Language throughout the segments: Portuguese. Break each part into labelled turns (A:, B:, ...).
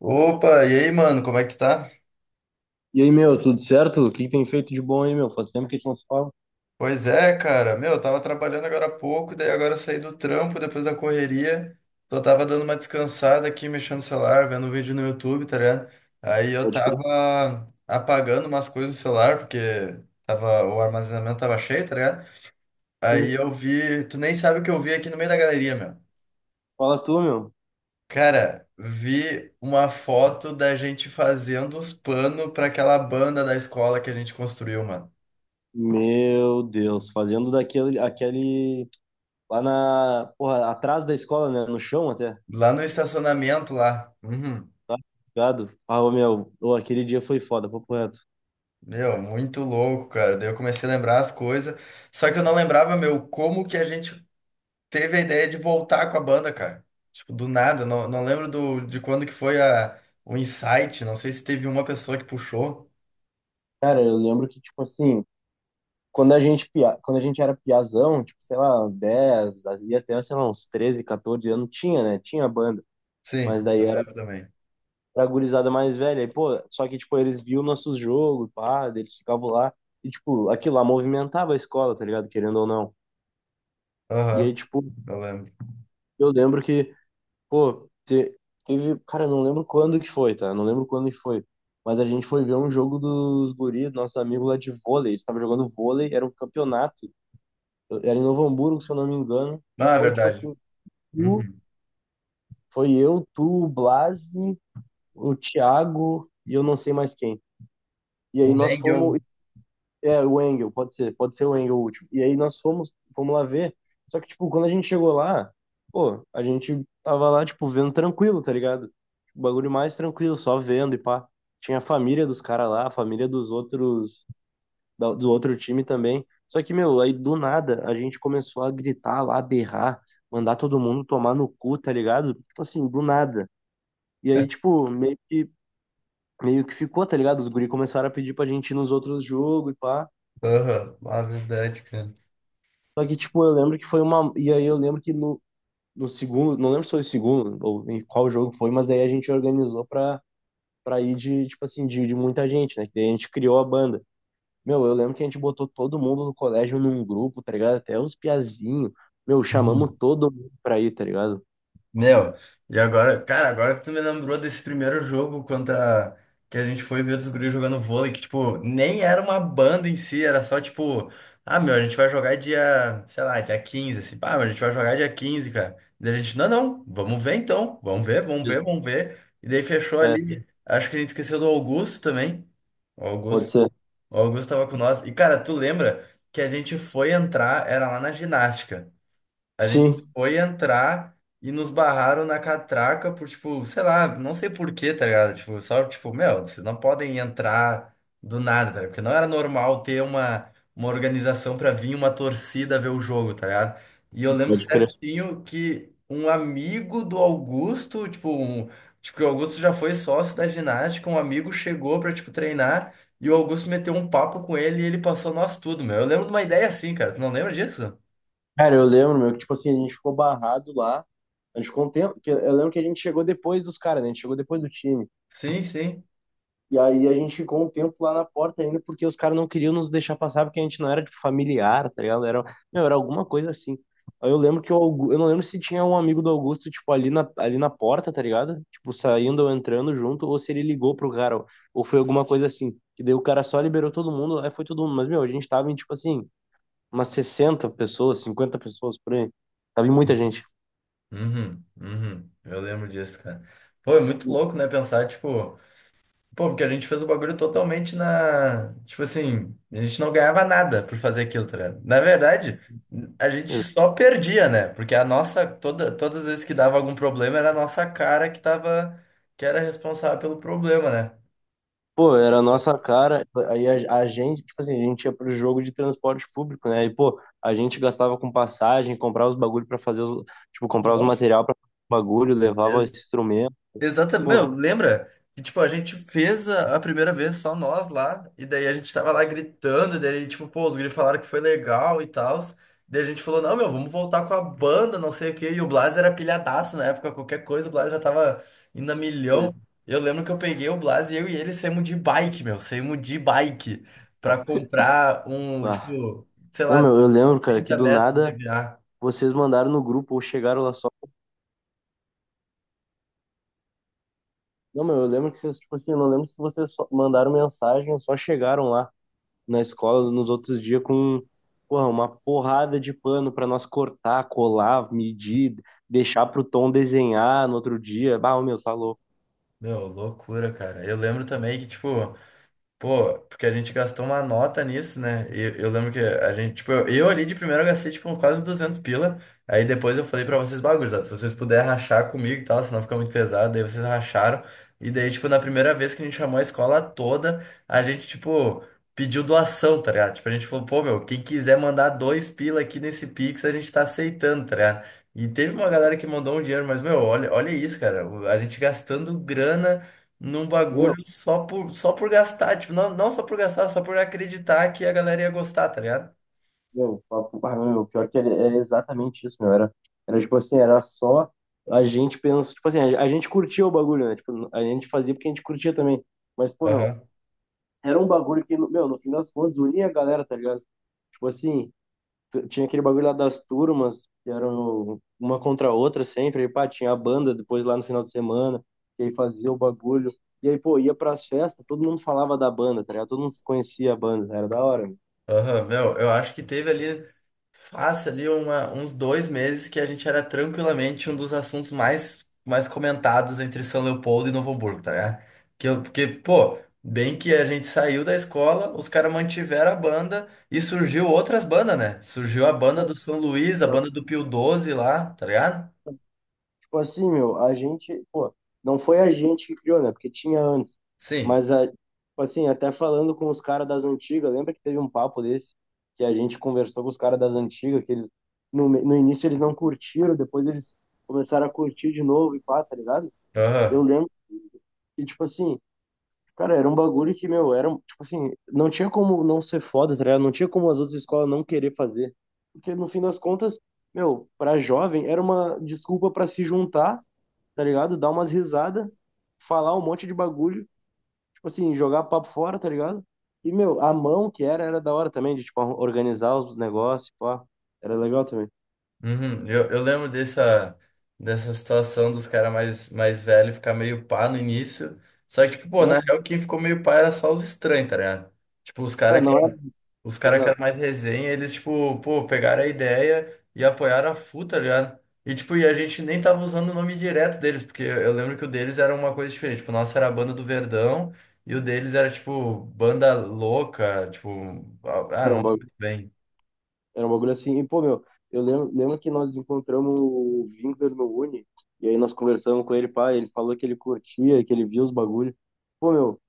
A: Opa, e aí, mano, como é que tu tá?
B: E aí, meu, tudo certo? O que que tem feito de bom aí, meu? Faz tempo que a gente não se fala.
A: Pois é, cara, meu, eu tava trabalhando agora há pouco, daí agora eu saí do trampo depois da correria, só tava dando uma descansada aqui, mexendo no celular, vendo um vídeo no YouTube, tá ligado? Aí eu
B: Pode crer.
A: tava apagando umas coisas do celular, porque tava, o armazenamento tava cheio, tá ligado? Aí eu vi, tu nem sabe o que eu vi aqui no meio da galeria, meu.
B: Fala tu, meu.
A: Cara, vi uma foto da gente fazendo os panos pra aquela banda da escola que a gente construiu, mano.
B: Meu Deus, fazendo daquele, aquele, lá na, porra, atrás da escola, né? No chão até.
A: Lá no estacionamento lá. Uhum.
B: Tá ligado? Ah, ô, meu, ô, aquele dia foi foda, papo reto.
A: Meu, muito louco, cara. Daí eu comecei a lembrar as coisas. Só que eu não lembrava, meu, como que a gente teve a ideia de voltar com a banda, cara. Tipo, do nada. Não, não lembro de quando que foi o insight. Não sei se teve uma pessoa que puxou.
B: Cara, eu lembro que, tipo assim, quando a gente era piazão, tipo, sei lá, 10, ali até, sei lá, uns 13, 14 anos, tinha, né? Tinha banda.
A: Sim,
B: Mas
A: eu
B: daí
A: lembro também.
B: pra gurizada mais velha. E, pô, só que, tipo, eles viam nossos jogos, pá, eles ficavam lá. E, tipo, aquilo lá movimentava a escola, tá ligado? Querendo ou não. E
A: Aham,
B: aí, tipo,
A: eu lembro.
B: eu lembro que, pô, teve. Cara, eu não lembro quando que foi, tá? Eu não lembro quando que foi. Mas a gente foi ver um jogo dos guris, nossos amigos lá de vôlei. Eles estavam jogando vôlei, era um campeonato. Era em Novo Hamburgo, se eu não me engano. E
A: Ah, é
B: foi, tipo
A: verdade.
B: assim, tu,
A: Uhum.
B: foi eu, tu, o Blasi, o Thiago e eu não sei mais quem. E aí
A: O
B: nós fomos.
A: Engel.
B: É, o Engel, pode ser o Engel o último. E aí nós fomos, lá ver. Só que, tipo, quando a gente chegou lá, pô, a gente tava lá, tipo, vendo tranquilo, tá ligado? O bagulho mais tranquilo, só vendo e pá. Tinha a família dos caras lá, a família dos outros, do outro time também. Só que, meu, aí do nada a gente começou a gritar lá, berrar, mandar todo mundo tomar no cu, tá ligado? Tipo assim, do nada. E aí, tipo, meio que, ficou, tá ligado? Os guri começaram a pedir pra gente ir nos outros jogos e pá.
A: Aham, ah, é verdade, cara.
B: Só que, tipo, eu lembro que foi uma. E aí eu lembro que no, segundo, não lembro se foi o segundo ou em qual jogo foi, mas aí a gente organizou pra, ir de, tipo assim, de muita gente, né? Que daí a gente criou a banda. Meu, eu lembro que a gente botou todo mundo do colégio num grupo, tá ligado? Até os piazinhos. Meu, chamamos
A: Uhum.
B: todo mundo pra ir, tá ligado?
A: Meu, e agora, cara, agora que tu me lembrou desse primeiro jogo contra que a gente foi ver dos guris jogando vôlei, que, tipo, nem era uma banda em si, era só, tipo, ah, meu, a gente vai jogar dia, sei lá, dia 15 assim, pá, mas a gente vai jogar dia 15 cara. Daí a gente, não, não, vamos ver então, vamos ver, vamos ver, vamos ver. E daí fechou
B: É,
A: ali, acho que a gente esqueceu do Augusto também. O
B: pode ser.
A: Augusto, o Augusto tava com nós. E, cara, tu lembra que a gente foi entrar, era lá na ginástica. A gente
B: Sim,
A: foi entrar e nos barraram na catraca por, tipo, sei lá, não sei por quê, tá ligado? Tipo, só, tipo, meu, vocês não podem entrar do nada, tá ligado? Porque não era normal ter uma organização pra vir uma torcida ver o jogo, tá ligado? E eu lembro
B: pode crer.
A: certinho que um amigo do Augusto, tipo, um, tipo, que o Augusto já foi sócio da ginástica, um amigo chegou pra, tipo, treinar e o Augusto meteu um papo com ele e ele passou nós tudo, meu. Eu lembro de uma ideia assim, cara. Tu não lembra disso?
B: Cara, eu lembro, meu, que tipo assim, a gente ficou barrado lá. A gente ficou um tempo, que eu lembro que a gente chegou depois dos caras, né? A gente chegou depois do time.
A: Sim, sim.
B: E aí a gente ficou um tempo lá na porta ainda, porque os caras não queriam nos deixar passar, porque a gente não era, tipo, familiar, tá ligado? Era, meu, era alguma coisa assim. Aí eu lembro que eu não lembro se tinha um amigo do Augusto, tipo, ali na, porta, tá ligado? Tipo, saindo ou entrando junto, ou se ele ligou pro cara, ou foi alguma coisa assim. E daí o cara só liberou todo mundo, aí foi todo mundo. Mas, meu, a gente tava em, tipo assim, umas 60 pessoas, 50 pessoas por aí. Tava em muita gente.
A: Uhum, uhum. Eu lembro disso, cara. Pô, é muito louco, né? Pensar, tipo, pô, porque a gente fez o bagulho totalmente na. Tipo assim, a gente não ganhava nada por fazer aquilo, tá ligado? Na verdade, a gente só perdia, né? Porque a nossa, toda, todas as vezes que dava algum problema, era a nossa cara que tava, que era responsável pelo problema, né?
B: Pô, era a nossa cara, aí a gente, tipo assim, a gente ia pro jogo de transporte público, né? E, pô, a gente gastava com passagem, comprava os bagulho pra fazer os, tipo, comprar os
A: Nossa.
B: material pra fazer os bagulho, levava instrumento,
A: Exatamente, meu,
B: pô,
A: lembra? Que tipo, a gente fez a primeira vez só nós lá, e daí a gente tava lá gritando, e daí, tipo, pô, os gringos falaram que foi legal e tal. Daí a gente falou, não, meu, vamos voltar com a banda, não sei o quê. E o Blas era pilhadaço na época, qualquer coisa, o Blas já tava indo a milhão.
B: coisa.
A: Eu lembro que eu peguei o Blas e eu e ele saímos de bike, meu, saímos de bike pra comprar um,
B: Ah.
A: tipo, sei
B: Não,
A: lá,
B: meu, eu lembro, cara, que
A: 30
B: do
A: metros de
B: nada
A: EVA.
B: vocês mandaram no grupo ou chegaram lá só. Não, meu, eu lembro que vocês, tipo assim, eu não lembro se vocês só mandaram mensagem ou só chegaram lá, na escola nos outros dias com porra, uma porrada de pano para nós cortar, colar, medir, deixar pro Tom desenhar no outro dia. Bah, ô, meu, tá louco.
A: Meu, loucura, cara. Eu lembro também que, tipo. Pô, porque a gente gastou uma nota nisso, né? E eu, lembro que a gente, tipo, eu ali de primeiro eu gastei, tipo, quase 200 pila. Aí depois eu falei pra vocês, bagulho, se vocês puderem rachar comigo e tal, senão fica muito pesado. Daí vocês racharam. E daí, tipo, na primeira vez que a gente chamou a escola toda, a gente, tipo, pediu doação, tá ligado? Tipo, a gente falou, pô, meu, quem quiser mandar 2 pila aqui nesse Pix, a gente tá aceitando, tá ligado? E teve uma
B: Papo-.
A: galera que mandou um dinheiro, mas, meu, olha, olha isso, cara. A gente gastando grana num bagulho
B: Meu,
A: só por, só por gastar, tipo, não, não só por gastar, só por acreditar que a galera ia gostar, tá ligado?
B: meu, ah, meu, pior que era, exatamente isso, meu. era tipo assim, era só a gente pensa, tipo assim, a gente curtia o bagulho, né? Tipo, a gente fazia porque a gente curtia também. Mas, pô, meu,
A: Aham.
B: era um bagulho que, meu, no fim das contas, unia a galera, tá ligado? Tipo assim, tinha aquele bagulho lá das turmas, que eram uma contra a outra sempre, aí, pá, tinha a banda depois lá no final de semana, que aí fazia o bagulho, e aí, pô, ia pras festas, todo mundo falava da banda, tá ligado? Todo mundo conhecia a banda, era da hora, meu.
A: Aham, meu, eu acho que teve ali, fácil ali, uma, uns 2 meses que a gente era tranquilamente um dos assuntos mais, mais comentados entre São Leopoldo e Novo Hamburgo, tá ligado? Que eu, porque, pô, bem que a gente saiu da escola, os caras mantiveram a banda e surgiu outras bandas, né? Surgiu a banda do São Luís, a banda do Pio 12 lá, tá ligado?
B: Tipo assim, meu, a gente, pô, não foi a gente que criou, né, porque tinha antes,
A: Sim.
B: mas, a, tipo assim, até falando com os caras das antigas, lembra que teve um papo desse, que a gente conversou com os caras das antigas, que eles, no, no início eles não curtiram, depois eles começaram a curtir de novo e pá, tá ligado? Eu
A: Aham.
B: lembro que, tipo assim, cara, era um bagulho que, meu, era, tipo assim, não tinha como não ser foda, tá ligado? Não tinha como as outras escolas não querer fazer. Porque, no fim das contas, meu, pra jovem, era uma desculpa pra se juntar, tá ligado? Dar umas risadas, falar um monte de bagulho, tipo assim, jogar papo fora, tá ligado? E, meu, a mão que era, da hora também, de, tipo, organizar os negócios, pá. Era legal também.
A: Uhum. Eu lembro dessa, dessa situação dos caras mais, mais velhos ficar meio pá no início. Só que, tipo, pô,
B: Não
A: na
B: é,
A: real, quem ficou meio pá era só os estranhos, tá ligado? Tipo, os
B: é,
A: caras que,
B: não é,
A: os cara que eram
B: exato.
A: mais resenha, eles, tipo, pô, pegaram a ideia e apoiaram a FU, tá ligado? E, tipo, e a gente nem tava usando o nome direto deles, porque eu lembro que o deles era uma coisa diferente. Tipo, o nosso era a Banda do Verdão e o deles era, tipo, Banda Louca, tipo, ah,
B: Era
A: não
B: um
A: lembro
B: bagulho.
A: muito bem.
B: Era um bagulho assim, e pô, meu, eu lembro que nós encontramos o Winkler no Uni, e aí nós conversamos com ele, pá, ele falou que ele curtia, que ele via os bagulhos. Pô, meu,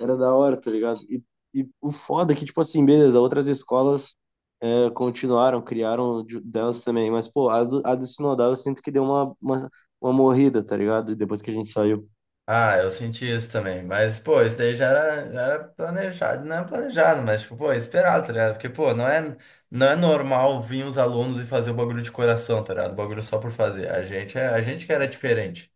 B: era da hora, tá ligado? E, o foda é que, tipo assim, beleza, outras escolas continuaram, criaram delas também, mas, pô, a do, Sinodal eu sinto que deu uma morrida, tá ligado? Depois que a gente saiu.
A: Ah, eu senti isso também. Mas, pô, isso daí já era planejado. Não é planejado, mas, tipo, pô, é esperado, tá ligado? Porque, pô, não é, não é normal vir os alunos e fazer o bagulho de coração, tá ligado? O bagulho só por fazer. A gente, é, a gente que era diferente.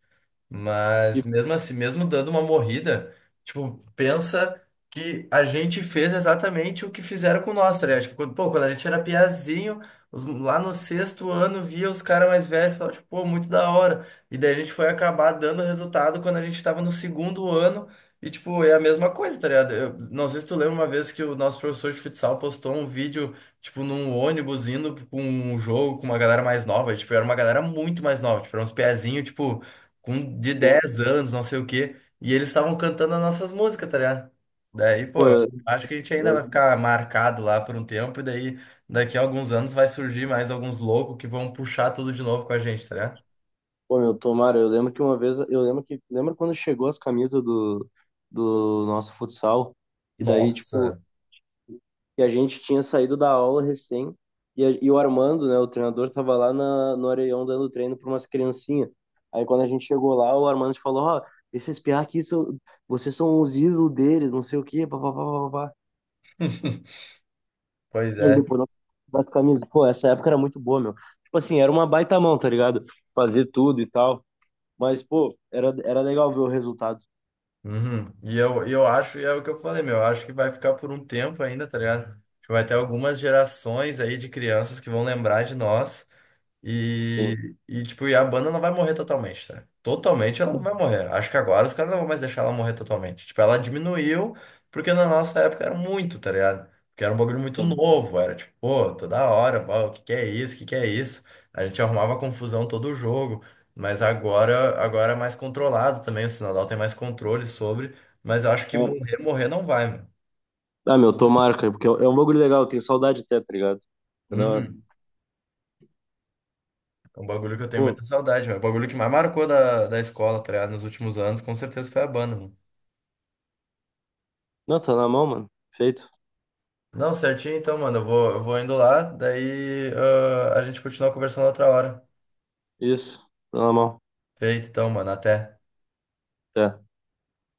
A: Mas
B: E,
A: mesmo assim, mesmo dando uma morrida, tipo, pensa que a gente fez exatamente o que fizeram com nós, tá ligado? Tipo, quando, pô, quando a gente era piazinho, os- lá no sexto ano, via os caras mais velhos e falava, tipo, pô, muito da hora. E daí a gente foi acabar dando resultado quando a gente tava no segundo ano. E, tipo, é a mesma coisa, tá ligado? Eu, não sei se tu lembra uma vez que o nosso professor de futsal postou um vídeo, tipo, num ônibus indo pra um jogo com uma galera mais nova. E, tipo, era uma galera muito mais nova, tipo, era uns piazinhos, tipo com de 10 anos, não sei o quê, e eles estavam cantando as nossas músicas, tá ligado? Daí, pô,
B: pô, eu,
A: acho que a gente ainda
B: eu
A: vai ficar marcado lá por um tempo, e daí daqui a alguns anos vai surgir mais alguns loucos que vão puxar tudo de novo com a gente, tá ligado?
B: Pô, meu, tomara, eu lembro que uma vez, eu lembro que, lembra quando chegou as camisas do nosso futsal, e daí, tipo,
A: Nossa!
B: que a gente tinha saído da aula recém, e, e o Armando, né, o treinador, tava lá no Areião dando treino pra umas criancinhas. Aí quando a gente chegou lá, o Armando falou, ó, esses piá aqui, vocês são os ídolos deles, não sei o quê, pá, pá, pá, pá, pá.
A: Pois
B: E aí
A: é.
B: depois nós das camisas, pô, essa época era muito boa, meu. Tipo assim, era uma baita mão, tá ligado? Fazer tudo e tal. Mas, pô, era, legal ver o resultado.
A: Uhum. E eu acho, e é o que eu falei, meu, eu acho que vai ficar por um tempo ainda, tá ligado? Acho que vai ter algumas gerações aí de crianças que vão lembrar de nós.
B: Sim.
A: E, tipo, e a banda não vai morrer totalmente, tá? Totalmente ela não vai morrer. Acho que agora os caras não vão mais deixar ela morrer totalmente. Tipo, ela diminuiu porque na nossa época era muito, tá ligado? Porque era um bagulho muito
B: É.
A: novo, era tipo, pô, toda hora, ó, o que que é isso, o que que é isso? A gente arrumava confusão todo o jogo, mas agora é mais controlado também, o Sinodal tem mais controle sobre, mas eu acho que
B: É.
A: morrer, morrer não vai, mano.
B: Ah, meu, tomara, cara, porque é um bagulho legal, eu tenho saudade até, tá ligado? É da hora.
A: Uhum. É um bagulho que eu tenho muita
B: Pô,
A: saudade, mano. O bagulho que mais marcou da escola, tá ligado? Nos últimos anos, com certeza foi a banda, mano.
B: não, tá na mão, mano. Feito.
A: Não, certinho então, mano. Eu vou indo lá, daí ah, a gente continua conversando outra hora.
B: Isso, tá na mão.
A: Feito então, mano. Até.
B: É.